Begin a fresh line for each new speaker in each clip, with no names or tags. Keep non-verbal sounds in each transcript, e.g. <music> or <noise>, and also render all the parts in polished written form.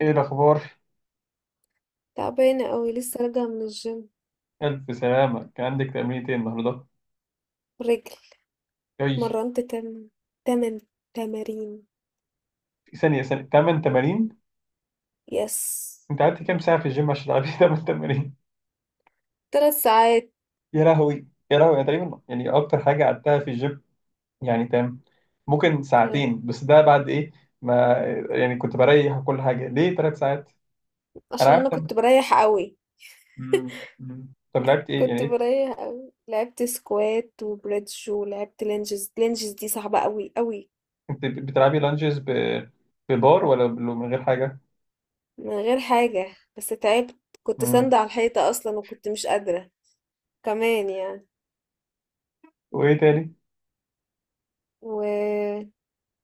ايه الاخبار؟
تعبانة أوي، لسه راجعة من الجيم.
الف سلامه. كان عندك تمرين ايه النهارده؟
رجل.
اي؟
مرنت تمن تمارين.
في ثانيه 8 تمارين؟
يس.
انت قعدت كام ساعه في الجيم عشان تلعبي <laughs> 8 تمارين؟
3 ساعات.
يا لهوي يا لهوي، انا تقريبا يعني اكتر حاجه قعدتها في الجيم، يعني تمام، ممكن
كانت.
ساعتين، بس ده بعد ايه؟ ما يعني كنت بريح وكل حاجه ليه ثلاث ساعات. انا
عشان
عارف.
أنا كنت بريح أوي.
طب لعبت ايه يعني
كنت
إيه؟
بريح أوي، لعبت سكوات وبريدج ولعبت لينجز. لينجز دي صعبة أوي أوي.
انت بتلعبي لانجز ببار ولا من غير حاجه؟
من غير حاجة بس تعبت. كنت
مم.
ساندة على الحيطة أصلا وكنت مش قادرة كمان يعني.
وايه تاني؟
و...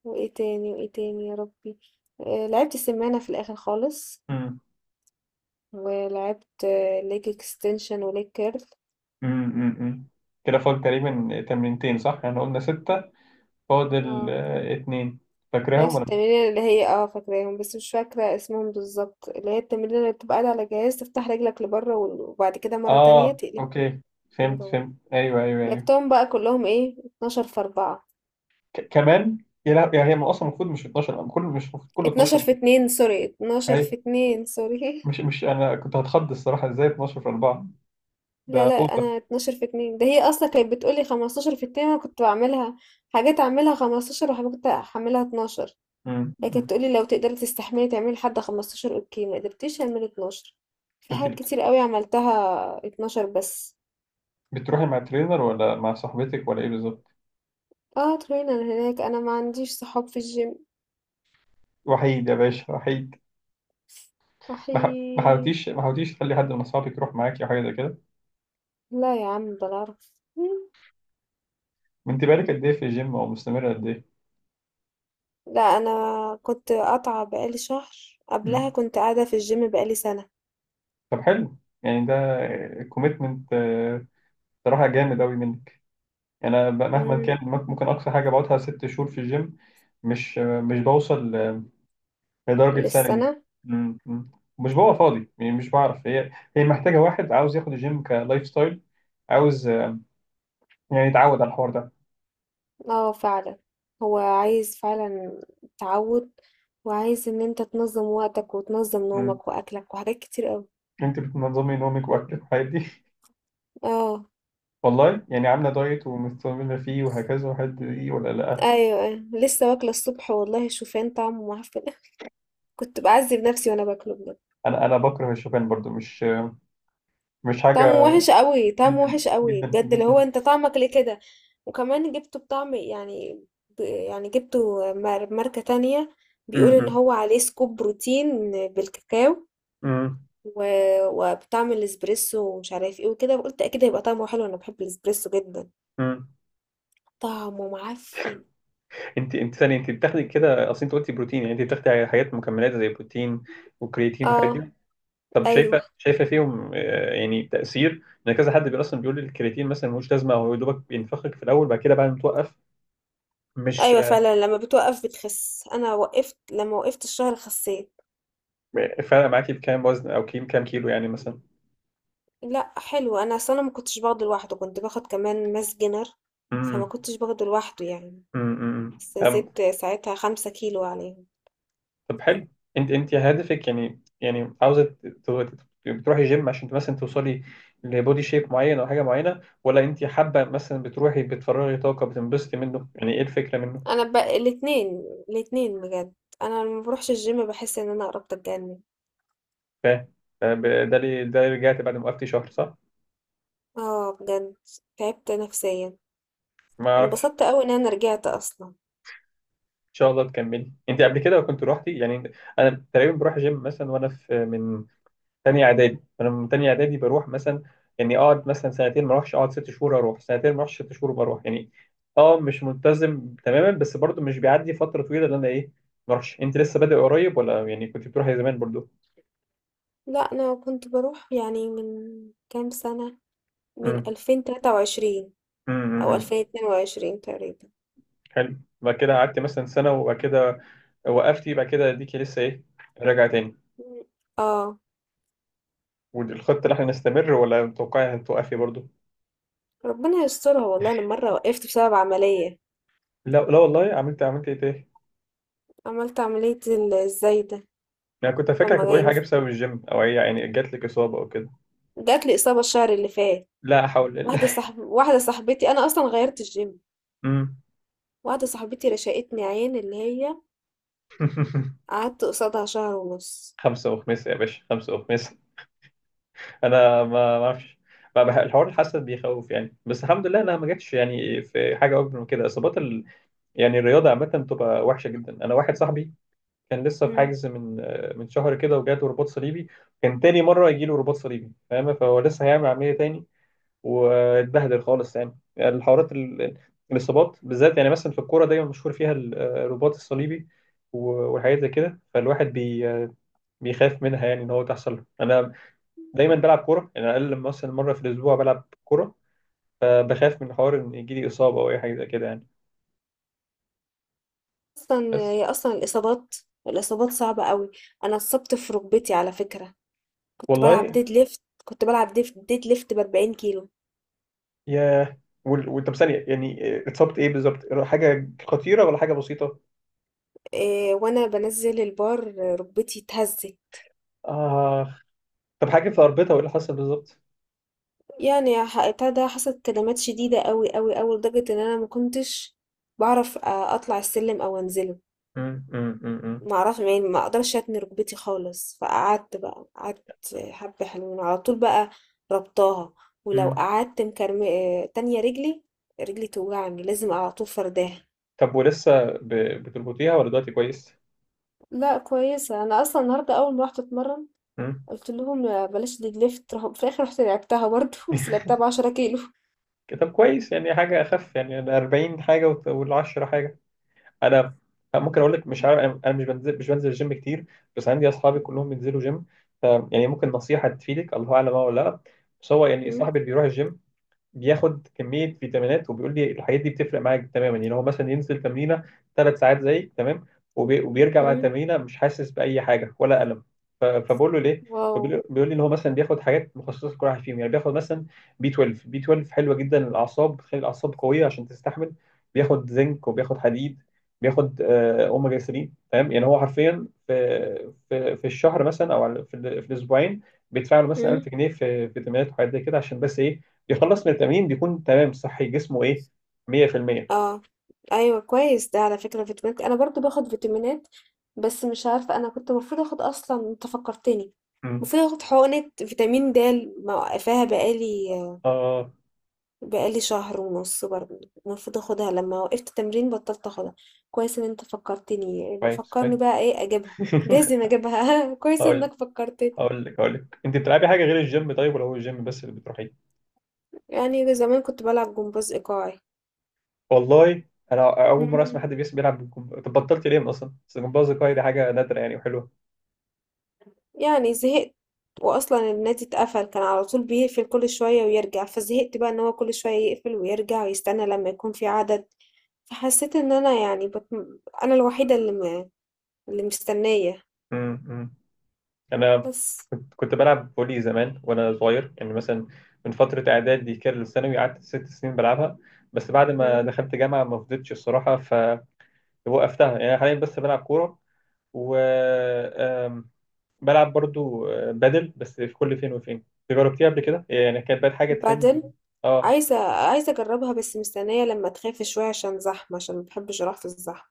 وإيه تاني يا ربي. آه، لعبت سمانة في الآخر خالص. ولعبت ليج اكستنشن وليج كيرل.
امم كده فاضل تقريبا تمرينتين صح؟ يعني قلنا ستة، فاضل
اه،
اتنين.
لعبت
فاكرهم ولا مش؟
التمرين اللي هي فاكراهم، بس مش فاكرة اسمهم بالظبط، اللي هي التمرين اللي بتبقى قاعد على جهاز تفتح رجلك لبره وبعد كده مرة تانية
اه،
تقلب
اوكي،
من
فهمت
جوه.
فهمت، ايوه ايوه ايوه.
لعبتهم بقى كلهم ايه، 12 في 4.
كمان؟ يا لا، يعني هي اصلا المفروض مش 12 كله، مش المفروض كله
12
12؟
في 2 سوري، 12
اي؟
في 2 سوري. <laughs>
مش انا كنت هتخض الصراحة، ازاي 12 في 4؟
لا
ده
لا،
اوفر.
انا 12 في 2. ده هي اصلا كانت بتقولي 15 في 2. انا كنت بعملها حاجات اعملها 15 وحاجات احملها 12. هي
أمم.
كانت تقولي لو تقدري تستحملي تعملي لحد 15. اوكي، ما قدرتيش اعمل 12. في
انت
حاجات
بت-
كتير قوي عملتها 12 بس.
بتروحي مع ترينر ولا مع صاحبتك ولا ايه بالظبط؟
اه، ترينر هناك. انا ما عنديش صحاب في الجيم.
وحيد يا باشا، وحيد. ما
وحيد.
حاولتيش ما حاولتيش تخلي حد من اصحابك يروح معاكي او حاجه زي كده؟
لا يا عم، بعرف.
انت بقالك قد ايه في الجيم او مستمره قد
لا، انا كنت قاطعة بقالي شهر. قبلها
ايه؟
كنت قاعدة في الجيم بقالي سنة.
طب حلو. يعني ده كوميتمنت صراحة جامد أوي منك. يعني أنا مهما
امم.
كان ممكن أقصى حاجة بقعدها ست شهور في الجيم. مش مش بوصل لدرجة سنة دي.
للسنة.
م- م. مش ببقى فاضي، يعني مش بعرف. هي محتاجة واحد عاوز ياخد الجيم كلايف ستايل، عاوز يعني يتعود على الحوار ده.
اه فعلا، هو عايز فعلا تعود. وعايز ان انت تنظم وقتك وتنظم
م.
نومك واكلك وحاجات كتير قوي.
أنت بتنظمي نومك وأكلك والحاجات دي؟ <laughs>
اه.
والله؟ يعني عاملة دايت ومستمرة فيه وهكذا وحد دي ولا لأ؟
ايوه ايوه، لسه واكله الصبح. والله شوفان طعمه معفن. <laughs> كنت بعذب نفسي وانا باكله بجد.
أنا بكره الشوفان برضو، مش مش
طعمه
حاجة.
وحش قوي، طعمه
جدا
وحش قوي
جدا
بجد، اللي هو
جدا.
انت طعمك ليه كده؟ وكمان جبته بطعم يعني، يعني جبته ماركة تانية.
م-
بيقول ان
م.
هو عليه سكوب بروتين بالكاكاو
امم
و... وبطعم الاسبريسو ومش عارف ايه وكده. قلت اكيد هيبقى طعمه حلو، انا بحب الاسبريسو جدا.
امم
طعمه معفن.
انت ثانيه، انت بتاخدي كده، اصل انت قلتي بروتين، يعني انت بتاخدي حاجات مكملات زي بروتين وكرياتين والحاجات
اه.
دي؟ طب
ايوه
شايفه فيهم يعني تاثير؟ ان كذا حد اصلا بيقول لي الكرياتين مثلا ملوش لازمه، هو يا دوبك بينفخك في الاول، بعد كده بعد ما توقف، مش
ايوه فعلا، لما بتوقف بتخس. انا وقفت، لما وقفت الشهر خسيت.
فارقه معاكي بكام وزن او كام كيلو يعني مثلا؟
لأ حلو، أنا أصل أنا ما كنتش باخده لوحده، كنت باخد كمان ماس جينر. فما
امم
كنتش باخده لوحده يعني. بس
امم
زدت ساعتها 5 كيلو عليهم.
طب حلو. انت هدفك، يعني عاوزه بتروحي جيم عشان مثلا توصلي لبودي شيب معين او حاجه معينه، ولا انت حابه مثلا بتروحي بتفرغي طاقه بتنبسطي منه؟ يعني ايه الفكره منه؟
أنا ب الاتنين، الاتنين بجد. أنا لما باروحش الجيم باحس إن أنا قربت أتجنن.
فاهم. ده اللي رجعت بعد ما وقفتي شهر صح؟
اه بجد، تعبت نفسيا.
ما اعرفش.
انبسطت أوي إن أنا رجعت أصلا.
ان شاء الله تكملي. انت قبل كده كنت روحتي يعني؟ انا تقريبا بروح جيم مثلا، وانا في تانية اعدادي، فانا من تانية اعدادي بروح مثلا، يعني اقعد مثلا سنتين ما اروحش، اقعد ست شهور اروح، سنتين ما اروحش، ست شهور بروح. يعني اه مش ملتزم تماما، بس برضو مش بيعدي فترة طويلة اللي انا ايه ما اروحش. انت لسه بادئ قريب ولا يعني كنت بتروحي زمان برضو؟
لأ أنا كنت بروح يعني من كام سنة، من
امم
2023 أو
امم
2022 تقريبا.
حلو. بعد كده قعدت مثلا سنة، وبعد كده وقفتي، بعد كده ديكي لسه ايه راجعة تاني؟
اه.
والخطة اللي احنا نستمر ولا متوقعي هتوقفي برضو؟
ربنا يسترها والله، أنا مرة وقفت بسبب عملية.
لا لا والله، عملت ايه تاني؟
عملت عملية ازاي ده.
انا كنت
طب
فاكرك
ما
هتقولي
يعني،
حاجة بسبب الجيم، او هي يعني جات لك اصابة او كده.
جات لي إصابة الشهر اللي فات.
لا حول.
واحدة صاحبتي. أنا أصلا غيرت الجيم.
مم.
واحدة صاحبتي رشقتني عين، اللي هي
<laughs>
قعدت قصادها شهر ونص.
خمسة وخميس يا باشا، خمسة وخميس. أنا ما أعرفش. ما بح- الحوار، الحسد بيخوف يعني، بس الحمد لله أنا ما جاتش يعني في حاجة أكبر من كده. إصابات ال... يعني الرياضة عامة بتبقى وحشة جدا. أنا واحد صاحبي كان لسه في
امم.
حاجز من شهر كده وجاته رباط صليبي، كان تاني مرة يجيله رباط صليبي، فاهم؟ فهو لسه هيعمل عملية تاني واتبهدل خالص. يعني الحوارات ال... الإصابات بالذات، يعني مثلا في الكورة دايما مشهور فيها الرباط الصليبي والحاجات زي كده، فالواحد بيخاف منها يعني، ان هو تحصل له. انا دايما بلعب كوره، يعني اقل لما مثلا مره في الاسبوع بلعب كوره، فبخاف من حوار ان يجي لي اصابه او اي حاجه زي كده يعني.
أصلا
بس.
هي أصلا الإصابات، الإصابات صعبة قوي. أنا اتصبت في ركبتي على فكرة. كنت بلعب
والله
ديد ليفت، كنت بلعب ديد ليفت ب40 كيلو.
يا. طب ثانيه يعني، اتصبت ايه بالظبط؟ حاجه خطيره ولا حاجه بسيطه؟
إيه وأنا بنزل البار، ركبتي اتهزت.
اه. طب حاجه في اربطه وايه اللي حصل بالظبط؟
يعني بتاع ده، حصلت كدمات شديدة أوي، أوي، أوي، لدرجة إن أنا ما كنتش باعرف أطلع السلم أو أنزله.
مم، مم، مم، مم،
ما أعرفش يعني، ما أقدرش أتني ركبتي خالص. فقعدت بقى، قعدت حبة حلوين، على طول بقى رابطاها. ولو
مم.
قعدت مكرم تانية رجلي، رجلي توجعني، لازم على طول فرداها.
طب بتربطيها ولا دلوقتي كويس؟
لأ كويسة. أنا أصلًا النهارده أول ما رُحت أتمرن
مم.
قُلت لهم آه، بلاش leg lift. راحوا في الآخر رُحت لعبتها برضه، <laughs> بس
<laughs>
لعبتها ب10 كيلو. <laughs>
طب كويس، يعني حاجه اخف، يعني ال 40 حاجه وال 10 حاجه. انا ممكن اقول لك، مش عارف، انا مش بنزل، الجيم كتير، بس عندي اصحابي
إمم،
كلهم بينزلوا جيم، ف يعني ممكن نصيحه تفيدك الله اعلم اه، ولا لا. بس هو يعني
إمم،
صاحبي اللي بيروح الجيم بياخد كميه فيتامينات، وبيقول لي الحاجات دي بتفرق معاك تماما، يعني هو مثلا ينزل تمرينه ثلاث ساعات زيك تمام، وبيرجع بعد
إمم.
التمرينه مش حاسس باي حاجه ولا الم، فبقول له ليه؟
واو!
بيقول لي ان هو مثلا بياخد حاجات مخصصه لكل واحد فيهم، يعني بياخد مثلا بي 12 حلوه جدا للاعصاب، بتخلي الاعصاب قويه عشان تستحمل، بياخد زنك وبياخد حديد، بياخد اوميجا 3، تمام؟ يعني هو حرفيا في الشهر مثلا، او في الاسبوعين بيدفع له مثلا
إمم.
1000 جنيه في فيتامينات وحاجات زي كده، عشان بس ايه، يخلص من التمرين بيكون تمام صحي جسمه ايه، 100%.
اه ايوه كويس، ده على فكرة فيتامينات، انا برضو باخد فيتامينات. بس مش عارفة، انا كنت المفروض اخد اصلا، انت فكرتني.
امم.
المفروض اخد حقنة فيتامين د. موقفاها بقالي،
اه
بقالي شهر ونص برضو. المفروض اخدها، لما وقفت تمرين بطلت اخدها. كويس ان انت فكرتني، يبقى
كويس، كويس.
فكرني بقى ايه اجيبها.
<laughs>
لازم اجيبها. <laughs> كويس
هقول
انك فكرتني.
هقول لك، انت بتلعبي حاجه غير الجيم طيب ولا هو الجيم بس اللي بتروحيه؟
يعني زمان كنت بلعب جمباز ايقاعي.
والله. انا اول مره اسمع
مم.
حد بيلعب بالكمبيوتر. طب بطلت ليه اصلا؟ بس الجمباز الكاي دي حاجه نادره يعني وحلوه.
يعني زهقت، واصلا النادي اتقفل، كان على طول بيقفل كل شوية ويرجع. فزهقت بقى ان هو كل شوية يقفل ويرجع ويستنى لما يكون في عدد. فحسيت ان انا يعني انا الوحيدة اللي اللي مستنية
أمم. انا
بس.
كنت بلعب فولي زمان وانا صغير، يعني مثلا من فتره اعدادي كده للثانوي، قعدت ست سنين بلعبها، بس بعد ما
مم.
دخلت جامعه ما فضيتش الصراحه فوقفتها. يعني أنا حاليا بس بلعب كوره، وبلعب برضو بادل، بس في كل فين وفين. جربتيها قبل كده؟ يعني كانت بقت حاجة ترند.
بعدين.
اه.
عايزة عايزة اجربها، بس مستنية لما تخاف شوية عشان زحمة، عشان ما بحبش اروح في الزحمة.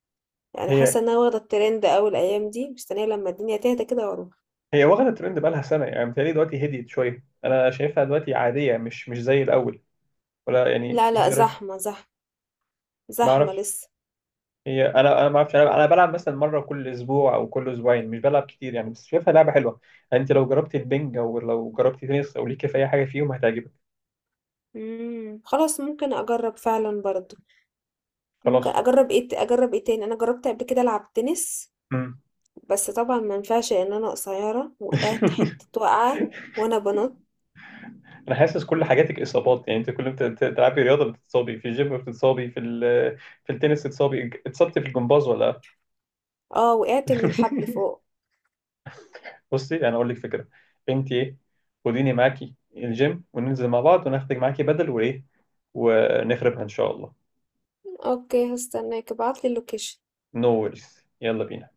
يعني
هي
حاسة ان انا واخدة الترند اوي الايام دي، مستنية لما الدنيا تهدى كده واروح.
هي واخدة ترند بقالها سنة، يعني متهيألي دلوقتي هديت شوية، أنا شايفها دلوقتي عادية، مش زي الأول، ولا يعني؟
لا
أنت
لا،
إيه رأيك؟
زحمة، زحمة
ما
زحمة
أعرفش.
لسه.
هي، أنا ما أعرفش، أنا بلعب مثلا مرة كل أسبوع أو كل أسبوعين، مش بلعب كتير يعني، بس شايفها لعبة حلوة. يعني أنت لو جربتي البنج، أو لو جربتي تنس، أو ليكي في أي حاجة فيهم هتعجبك.
مم. خلاص، ممكن اجرب فعلا برضو. ممكن
خلاص.
اجرب ايه، اجرب ايه تاني؟ انا جربت قبل كده العب تنس.
مم.
بس طبعا ما ينفعش ان انا قصيره، وقعت
<laughs>
حته وقعه وانا بنط.
انا حاسس كل حاجاتك اصابات، يعني انت كل ما بتلعبي رياضه بتتصابي، في الجيم بتتصابي، في في التنس بتتصابي، اتصبت في الجمباز ولا؟
اه، وقعت من الحبل فوق.
<laughs> بصي انا اقول لك فكره. انت ايه، خديني معاكي الجيم، وننزل مع بعض، وناخدك معاكي بدل وايه، ونخربها ان شاء الله.
اوكي، هستناك، ابعتلي اللوكيشن.
نو no worries. يلا بينا.